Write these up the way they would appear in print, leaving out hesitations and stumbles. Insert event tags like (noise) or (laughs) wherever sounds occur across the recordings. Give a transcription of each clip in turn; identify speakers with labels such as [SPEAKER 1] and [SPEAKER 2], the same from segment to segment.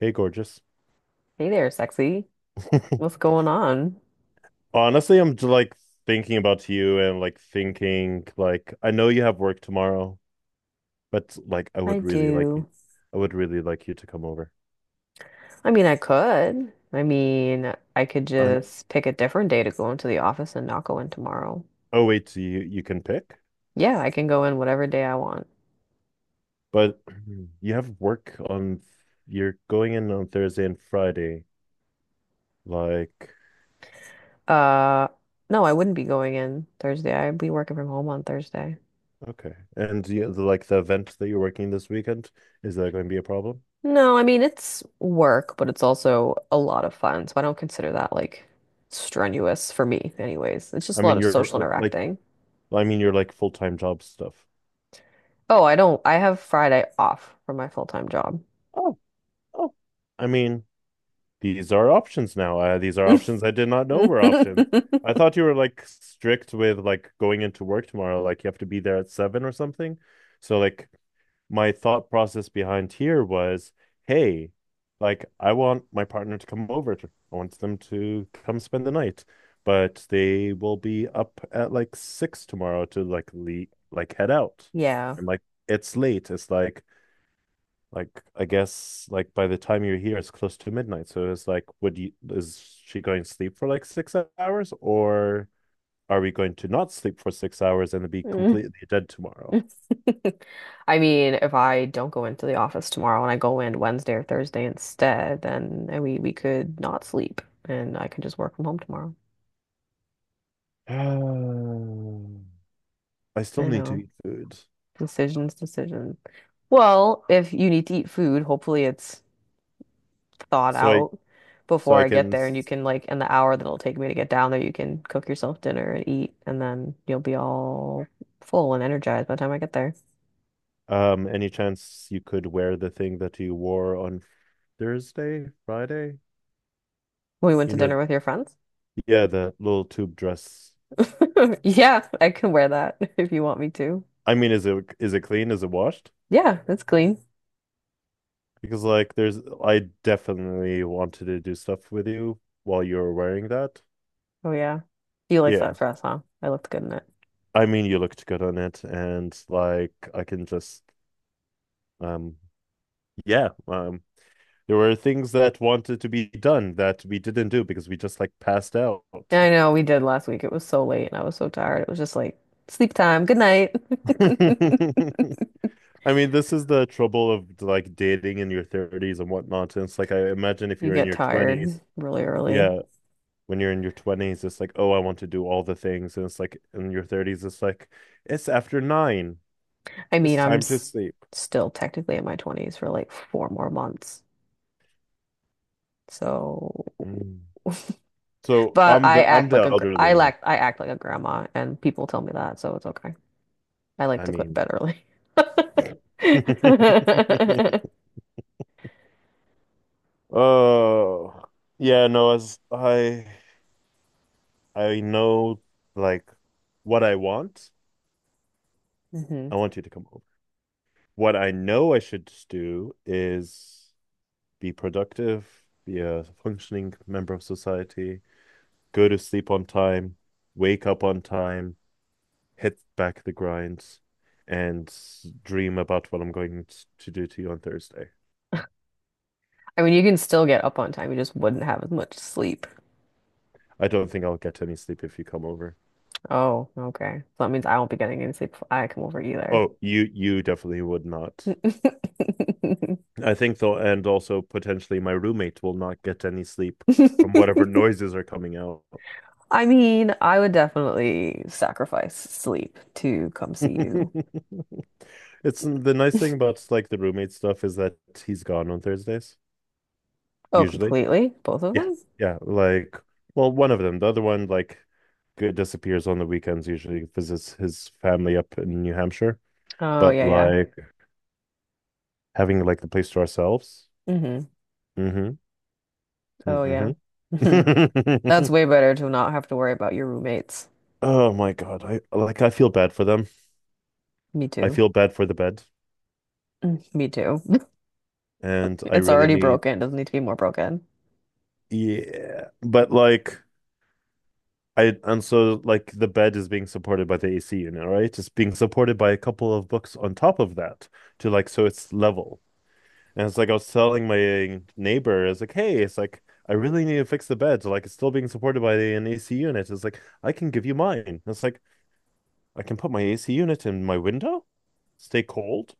[SPEAKER 1] Hey, gorgeous.
[SPEAKER 2] Hey there, sexy. What's
[SPEAKER 1] (laughs)
[SPEAKER 2] going on?
[SPEAKER 1] Honestly, I'm just like thinking about you and like thinking like I know you have work tomorrow, but like I
[SPEAKER 2] I
[SPEAKER 1] would really like
[SPEAKER 2] do.
[SPEAKER 1] you I would really like you to come over.
[SPEAKER 2] I mean, I could. I mean, I could
[SPEAKER 1] I'm
[SPEAKER 2] just pick a different day to go into the office and not go in tomorrow.
[SPEAKER 1] Oh wait, so you can pick,
[SPEAKER 2] Yeah, I can go in whatever day I want.
[SPEAKER 1] but (clears throat) you have work on you're going in on Thursday and Friday. Like
[SPEAKER 2] Uh, no, I wouldn't be going in Thursday. I'd be working from home on Thursday.
[SPEAKER 1] okay. And you, like the event that you're working this weekend, is that going to be a problem?
[SPEAKER 2] No, I mean, it's work, but it's also a lot of fun. So I don't consider that like strenuous for me, anyways. It's
[SPEAKER 1] I
[SPEAKER 2] just a lot
[SPEAKER 1] mean,
[SPEAKER 2] of social
[SPEAKER 1] you're uh, like
[SPEAKER 2] interacting.
[SPEAKER 1] I mean, you're like full-time job stuff.
[SPEAKER 2] Oh, I don't, I have Friday off from my full-time job.
[SPEAKER 1] Oh, oh. I mean, these are options now. These are options I did not know were options.
[SPEAKER 2] (laughs)
[SPEAKER 1] I thought you were like strict with like going into work tomorrow, like you have to be there at seven or something. So like my thought process behind here was, hey, like I want my partner to come over. I want them to come spend the night, but they will be up at like six tomorrow to like head out.
[SPEAKER 2] Yeah.
[SPEAKER 1] And like it's late. It's Like I guess like by the time you're here, it's close to midnight. So it's like, would you is she going to sleep for like 6 hours, or are we going to not sleep for 6 hours and be
[SPEAKER 2] Mm.
[SPEAKER 1] completely dead tomorrow?
[SPEAKER 2] (laughs) I mean, if I don't go into the office tomorrow and I go in Wednesday or Thursday instead, then we could not sleep and I could just work from home tomorrow.
[SPEAKER 1] Um, I still
[SPEAKER 2] I
[SPEAKER 1] need to
[SPEAKER 2] know.
[SPEAKER 1] eat food.
[SPEAKER 2] Decisions, decisions. Well, if you need to eat food, hopefully it's thawed
[SPEAKER 1] So I
[SPEAKER 2] out
[SPEAKER 1] so
[SPEAKER 2] before
[SPEAKER 1] I
[SPEAKER 2] I get
[SPEAKER 1] can
[SPEAKER 2] there and you can like in the hour that it'll take me to get down there, you can cook yourself dinner and eat and then you'll be all full and energized by the time I get there.
[SPEAKER 1] Any chance you could wear the thing that you wore on Thursday, Friday?
[SPEAKER 2] We went
[SPEAKER 1] You
[SPEAKER 2] to
[SPEAKER 1] know,
[SPEAKER 2] dinner with your friends.
[SPEAKER 1] yeah, the little tube dress.
[SPEAKER 2] (laughs) Yeah, I can wear that (laughs) if you want me to.
[SPEAKER 1] I mean, is it clean? Is it washed?
[SPEAKER 2] Yeah, that's clean.
[SPEAKER 1] Because like there's I definitely wanted to do stuff with you while you were wearing that.
[SPEAKER 2] Oh yeah. You like
[SPEAKER 1] Yeah.
[SPEAKER 2] that dress, huh? I looked good in it.
[SPEAKER 1] I mean you looked good on it and like I can just um yeah, there were things that wanted to be done that we didn't do because we just like passed out.
[SPEAKER 2] Yeah, I know we did last week. It was so late and I was so tired. It was just like sleep time. Good night. (laughs)
[SPEAKER 1] (laughs) I mean this is the trouble of like dating in your 30s and whatnot. And it's like I imagine if
[SPEAKER 2] You
[SPEAKER 1] you're in
[SPEAKER 2] get
[SPEAKER 1] your
[SPEAKER 2] tired
[SPEAKER 1] 20s,
[SPEAKER 2] really early.
[SPEAKER 1] yeah, when you're in your 20s, it's like, oh, I want to do all the things. And it's like in your 30s, it's like, it's after nine.
[SPEAKER 2] I
[SPEAKER 1] It's
[SPEAKER 2] mean, I'm
[SPEAKER 1] time to
[SPEAKER 2] s
[SPEAKER 1] sleep.
[SPEAKER 2] still technically in my 20s for like four more months. So,
[SPEAKER 1] Mm. So
[SPEAKER 2] but
[SPEAKER 1] I'm the elderly man.
[SPEAKER 2] I act like a grandma and people tell me that, so it's okay. I like
[SPEAKER 1] I
[SPEAKER 2] to go to
[SPEAKER 1] mean,
[SPEAKER 2] bed early. (laughs)
[SPEAKER 1] (laughs) oh yeah, no, as I know like what I want.
[SPEAKER 2] Hmm.
[SPEAKER 1] I want you to come over. What I know I should do is be productive, be a functioning member of society, go to sleep on time, wake up on time, hit back the grinds, and dream about what I'm going to do to you on Thursday.
[SPEAKER 2] I mean, you can still get up on time. You just wouldn't have as much sleep.
[SPEAKER 1] I don't think I'll get any sleep if you come over.
[SPEAKER 2] Oh, okay. So that means I won't be getting any sleep if I come over either.
[SPEAKER 1] Oh, you definitely would not.
[SPEAKER 2] (laughs)
[SPEAKER 1] I think though, and also potentially my roommate will not get any sleep from whatever noises are coming out.
[SPEAKER 2] I mean, I would definitely sacrifice sleep to come see you.
[SPEAKER 1] (laughs) It's the nice thing about like the roommate stuff is that he's gone on Thursdays,
[SPEAKER 2] Oh,
[SPEAKER 1] usually.
[SPEAKER 2] completely? Both of
[SPEAKER 1] Yeah,
[SPEAKER 2] them?
[SPEAKER 1] yeah. Like, well, one of them. The other one, like, disappears on the weekends. Usually visits his family up in New Hampshire.
[SPEAKER 2] Oh,
[SPEAKER 1] But
[SPEAKER 2] yeah,
[SPEAKER 1] like having like the place to ourselves.
[SPEAKER 2] yeah. Hmm.
[SPEAKER 1] Mm-hmm.
[SPEAKER 2] Oh, yeah.
[SPEAKER 1] Mm-hmm.
[SPEAKER 2] Hmm. That's
[SPEAKER 1] (laughs)
[SPEAKER 2] way better to not have to worry about your roommates.
[SPEAKER 1] Oh my God. I feel bad for them.
[SPEAKER 2] Me
[SPEAKER 1] I
[SPEAKER 2] too.
[SPEAKER 1] feel bad for the bed.
[SPEAKER 2] Mm, me too. (laughs)
[SPEAKER 1] And I
[SPEAKER 2] It's
[SPEAKER 1] really
[SPEAKER 2] already
[SPEAKER 1] need
[SPEAKER 2] broken. Doesn't need to be more broken.
[SPEAKER 1] Yeah. But like I and so like the bed is being supported by the AC unit, right? It's being supported by a couple of books on top of that to so it's level. And it's like I was telling my neighbor, it's like, hey, it's like I really need to fix the bed. So like it's still being supported by an AC unit. It's like I can give you mine. And it's like I can put my AC unit in my window, stay cold.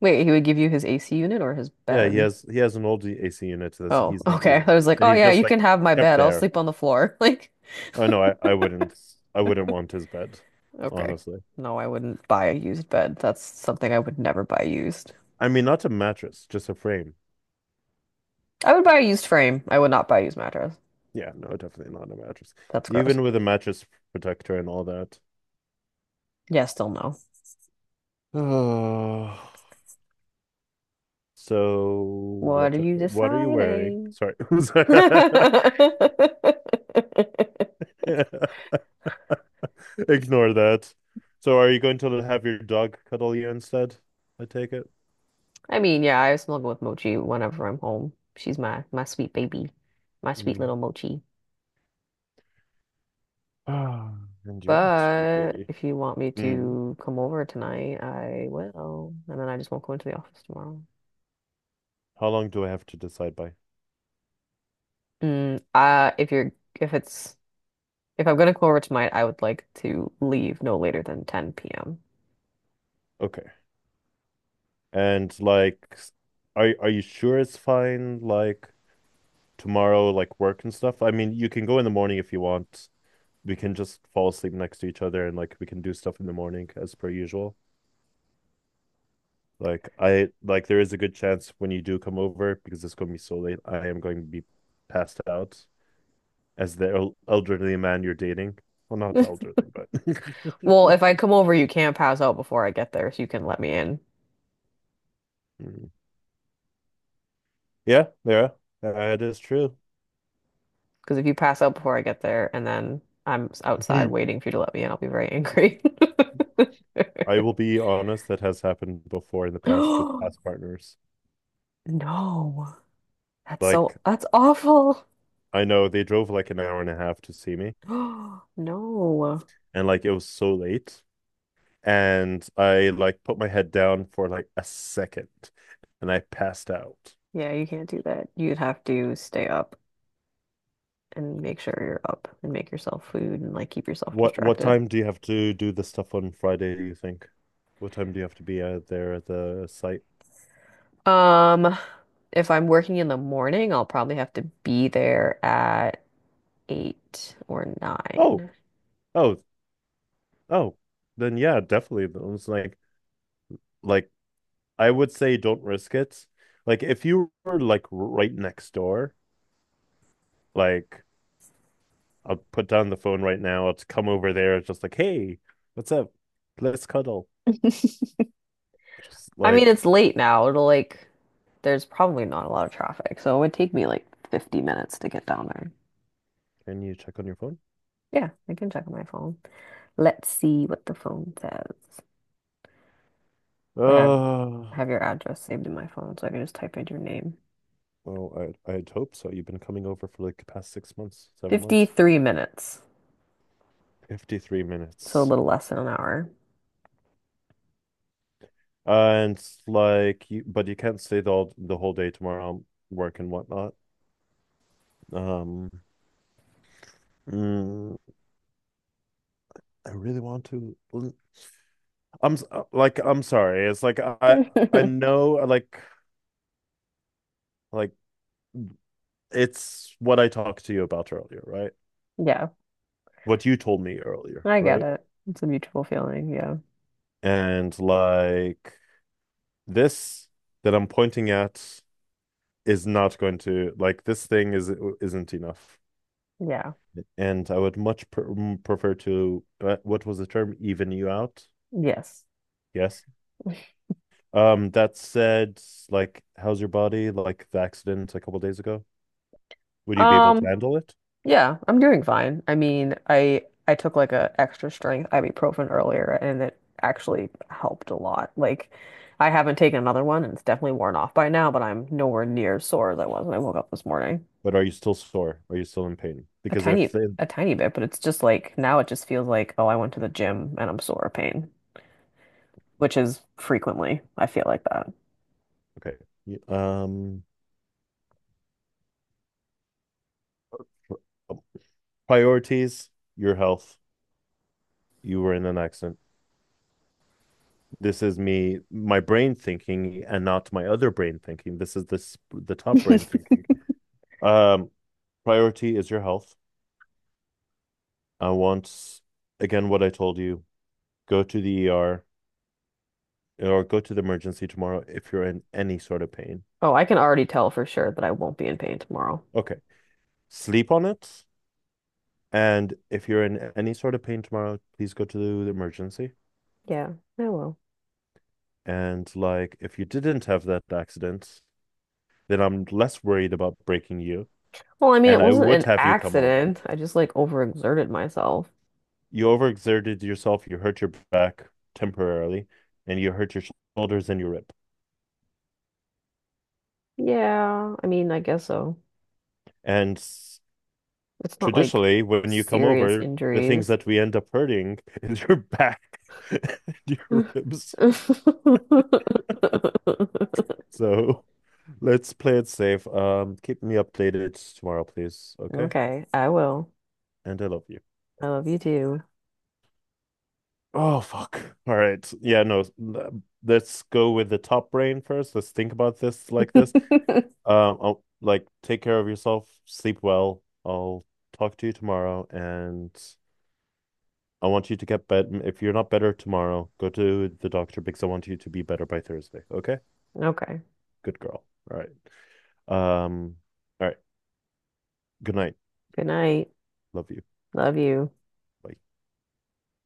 [SPEAKER 2] Wait, he would give you his AC unit or his
[SPEAKER 1] Yeah, he
[SPEAKER 2] bed?
[SPEAKER 1] has he has an old AC unit that
[SPEAKER 2] Oh, (laughs)
[SPEAKER 1] he's not
[SPEAKER 2] okay.
[SPEAKER 1] using
[SPEAKER 2] I was like,
[SPEAKER 1] that
[SPEAKER 2] oh
[SPEAKER 1] he's
[SPEAKER 2] yeah,
[SPEAKER 1] just
[SPEAKER 2] you can
[SPEAKER 1] like
[SPEAKER 2] have my
[SPEAKER 1] kept
[SPEAKER 2] bed. I'll
[SPEAKER 1] there.
[SPEAKER 2] sleep on the floor. (laughs) Like,
[SPEAKER 1] Oh no, I wouldn't want his bed,
[SPEAKER 2] okay.
[SPEAKER 1] honestly.
[SPEAKER 2] No, I wouldn't buy a used bed. That's something I would never buy used.
[SPEAKER 1] I mean, not a mattress, just a frame.
[SPEAKER 2] I would buy a used frame. I would not buy a used mattress.
[SPEAKER 1] Yeah, no, definitely not a mattress.
[SPEAKER 2] That's gross.
[SPEAKER 1] Even with a mattress protector and all that.
[SPEAKER 2] Yeah, still no.
[SPEAKER 1] (sighs) Oh. So
[SPEAKER 2] What are you
[SPEAKER 1] what are you wearing?
[SPEAKER 2] deciding?
[SPEAKER 1] Sorry. (laughs)
[SPEAKER 2] (laughs) I
[SPEAKER 1] Ignore that. So are you going to have your dog cuddle you instead? I take it.
[SPEAKER 2] mean, yeah, I snuggle with Mochi whenever I'm home. She's my sweet baby, my sweet little
[SPEAKER 1] Mm.
[SPEAKER 2] Mochi.
[SPEAKER 1] Ah, and you're my sweet
[SPEAKER 2] But
[SPEAKER 1] baby.
[SPEAKER 2] if you want me
[SPEAKER 1] Mm.
[SPEAKER 2] to come over tonight, I will, and then I just won't go into the office tomorrow.
[SPEAKER 1] How long do I have to decide by?
[SPEAKER 2] If you're if it's If I'm gonna come over tonight, I would like to leave no later than 10 p.m.
[SPEAKER 1] Okay. And like, are you sure it's fine? Like tomorrow, like work and stuff? I mean, you can go in the morning if you want. We can just fall asleep next to each other and like we can do stuff in the morning as per usual. Like there is a good chance when you do come over because it's going to be so late. I am going to be passed out as the elderly man you're dating. Well, not elderly, but (laughs)
[SPEAKER 2] Well, if I come over, you can't pass out before I get there, so you can let me in.
[SPEAKER 1] yeah, that is true.
[SPEAKER 2] Because if you pass out before I get there and then outside
[SPEAKER 1] (laughs)
[SPEAKER 2] waiting for you to let me in, I'll be very angry. (laughs)
[SPEAKER 1] I will be honest, that has happened before in the past with past
[SPEAKER 2] (gasps)
[SPEAKER 1] partners.
[SPEAKER 2] No,
[SPEAKER 1] Like
[SPEAKER 2] that's awful.
[SPEAKER 1] I know they drove like an hour and a half to see me,
[SPEAKER 2] (gasps) No.
[SPEAKER 1] and like it was so late, and I like put my head down for like a second, and I passed out.
[SPEAKER 2] Yeah, you can't do that. You'd have to stay up and make sure you're up and make yourself food and like keep yourself
[SPEAKER 1] What
[SPEAKER 2] distracted.
[SPEAKER 1] time do you have to do this stuff on Friday, do you think? What time do you have to be out there at the site?
[SPEAKER 2] Um, if I'm working in the morning, I'll probably have to be there at eight or
[SPEAKER 1] Oh,
[SPEAKER 2] nine.
[SPEAKER 1] oh, oh. Then yeah, definitely. It was like I would say don't risk it. Like if you were like right next door, like I'll put down the phone right now. I'll come over there. It's just like, hey, what's up? Let's cuddle. Just
[SPEAKER 2] I mean,
[SPEAKER 1] like,
[SPEAKER 2] it's late now. It'll like, there's probably not a lot of traffic, so it would take me like 50 minutes to get down there.
[SPEAKER 1] can you check on your phone?
[SPEAKER 2] Yeah, I can check on my phone. Let's see what the phone says. I
[SPEAKER 1] Uh,
[SPEAKER 2] have your address saved in my phone, so I can just type in your name.
[SPEAKER 1] well, I I'd hope so. You've been coming over for like the past 6 months, 7 months.
[SPEAKER 2] 53 minutes,
[SPEAKER 1] 53
[SPEAKER 2] so a
[SPEAKER 1] minutes.
[SPEAKER 2] little less than an hour.
[SPEAKER 1] And like you can't stay the whole day tomorrow I'm working whatnot. Um mm, I really want to I'm sorry. It's like I
[SPEAKER 2] (laughs)
[SPEAKER 1] know like like it's what I talked to you about earlier, right?
[SPEAKER 2] Yeah,
[SPEAKER 1] What you told me earlier,
[SPEAKER 2] I get
[SPEAKER 1] right?
[SPEAKER 2] it. It's a mutual feeling. Yeah.
[SPEAKER 1] And like this that I'm pointing at is not going to like this thing is isn't enough.
[SPEAKER 2] Yeah.
[SPEAKER 1] And I would prefer to what was the term? Even you out.
[SPEAKER 2] Yes.
[SPEAKER 1] Yes. That said, like, how's your body? Like the accident a couple days ago. Would you be able to
[SPEAKER 2] Um,
[SPEAKER 1] handle it?
[SPEAKER 2] yeah, I'm doing fine. I mean, I took like a extra strength ibuprofen earlier and it actually helped a lot. Like I haven't taken another one and it's definitely worn off by now, but I'm nowhere near as sore as I was when I woke up this morning.
[SPEAKER 1] But are you still sore? Are you still in pain?
[SPEAKER 2] A
[SPEAKER 1] Because if
[SPEAKER 2] tiny
[SPEAKER 1] they,
[SPEAKER 2] a tiny bit, but it's just like now it just feels like, oh, I went to the gym and I'm sore of pain, which is frequently I feel like that.
[SPEAKER 1] okay, um, priorities, your health. You were in an accident. This is me, my brain thinking, and not my other brain thinking. This is this the top brain
[SPEAKER 2] (laughs)
[SPEAKER 1] thinking. Um, Priority is your health. I want, Again, what I told you, go to the ER or go to the emergency tomorrow if you're in any sort of pain.
[SPEAKER 2] Oh, I can already tell for sure that I won't be in pain tomorrow.
[SPEAKER 1] Okay. Sleep on it. And if you're in any sort of pain tomorrow, please go to the emergency.
[SPEAKER 2] Yeah, I will.
[SPEAKER 1] And like, if you didn't have that accident, then I'm less worried about breaking you.
[SPEAKER 2] Well, I mean,
[SPEAKER 1] And
[SPEAKER 2] it
[SPEAKER 1] I
[SPEAKER 2] wasn't
[SPEAKER 1] would
[SPEAKER 2] an
[SPEAKER 1] have you come over.
[SPEAKER 2] accident. I just like overexerted myself.
[SPEAKER 1] You overexerted yourself, you hurt your back temporarily, and you hurt your shoulders and your rib.
[SPEAKER 2] Yeah, I mean, I guess so.
[SPEAKER 1] And
[SPEAKER 2] It's not like
[SPEAKER 1] traditionally when you come
[SPEAKER 2] serious
[SPEAKER 1] over, the things
[SPEAKER 2] injuries.
[SPEAKER 1] that we end up hurting (laughs) is your back (laughs) and your
[SPEAKER 2] (laughs)
[SPEAKER 1] ribs. So let's play it safe. Keep me updated tomorrow, please. Okay?
[SPEAKER 2] Okay, I will.
[SPEAKER 1] And I love you.
[SPEAKER 2] I love you too. (laughs)
[SPEAKER 1] Oh fuck. All right. Yeah, no. Let's go with the top brain first. Let's think about this like this. I'll, like take care of yourself, sleep well. I'll talk to you tomorrow and I want you to get better. If you're not better tomorrow, go to the doctor because I want you to be better by Thursday. Okay?
[SPEAKER 2] Okay,
[SPEAKER 1] Good girl. All right. Um, all right. Good night.
[SPEAKER 2] good night.
[SPEAKER 1] Love you.
[SPEAKER 2] Love you.
[SPEAKER 1] Bye.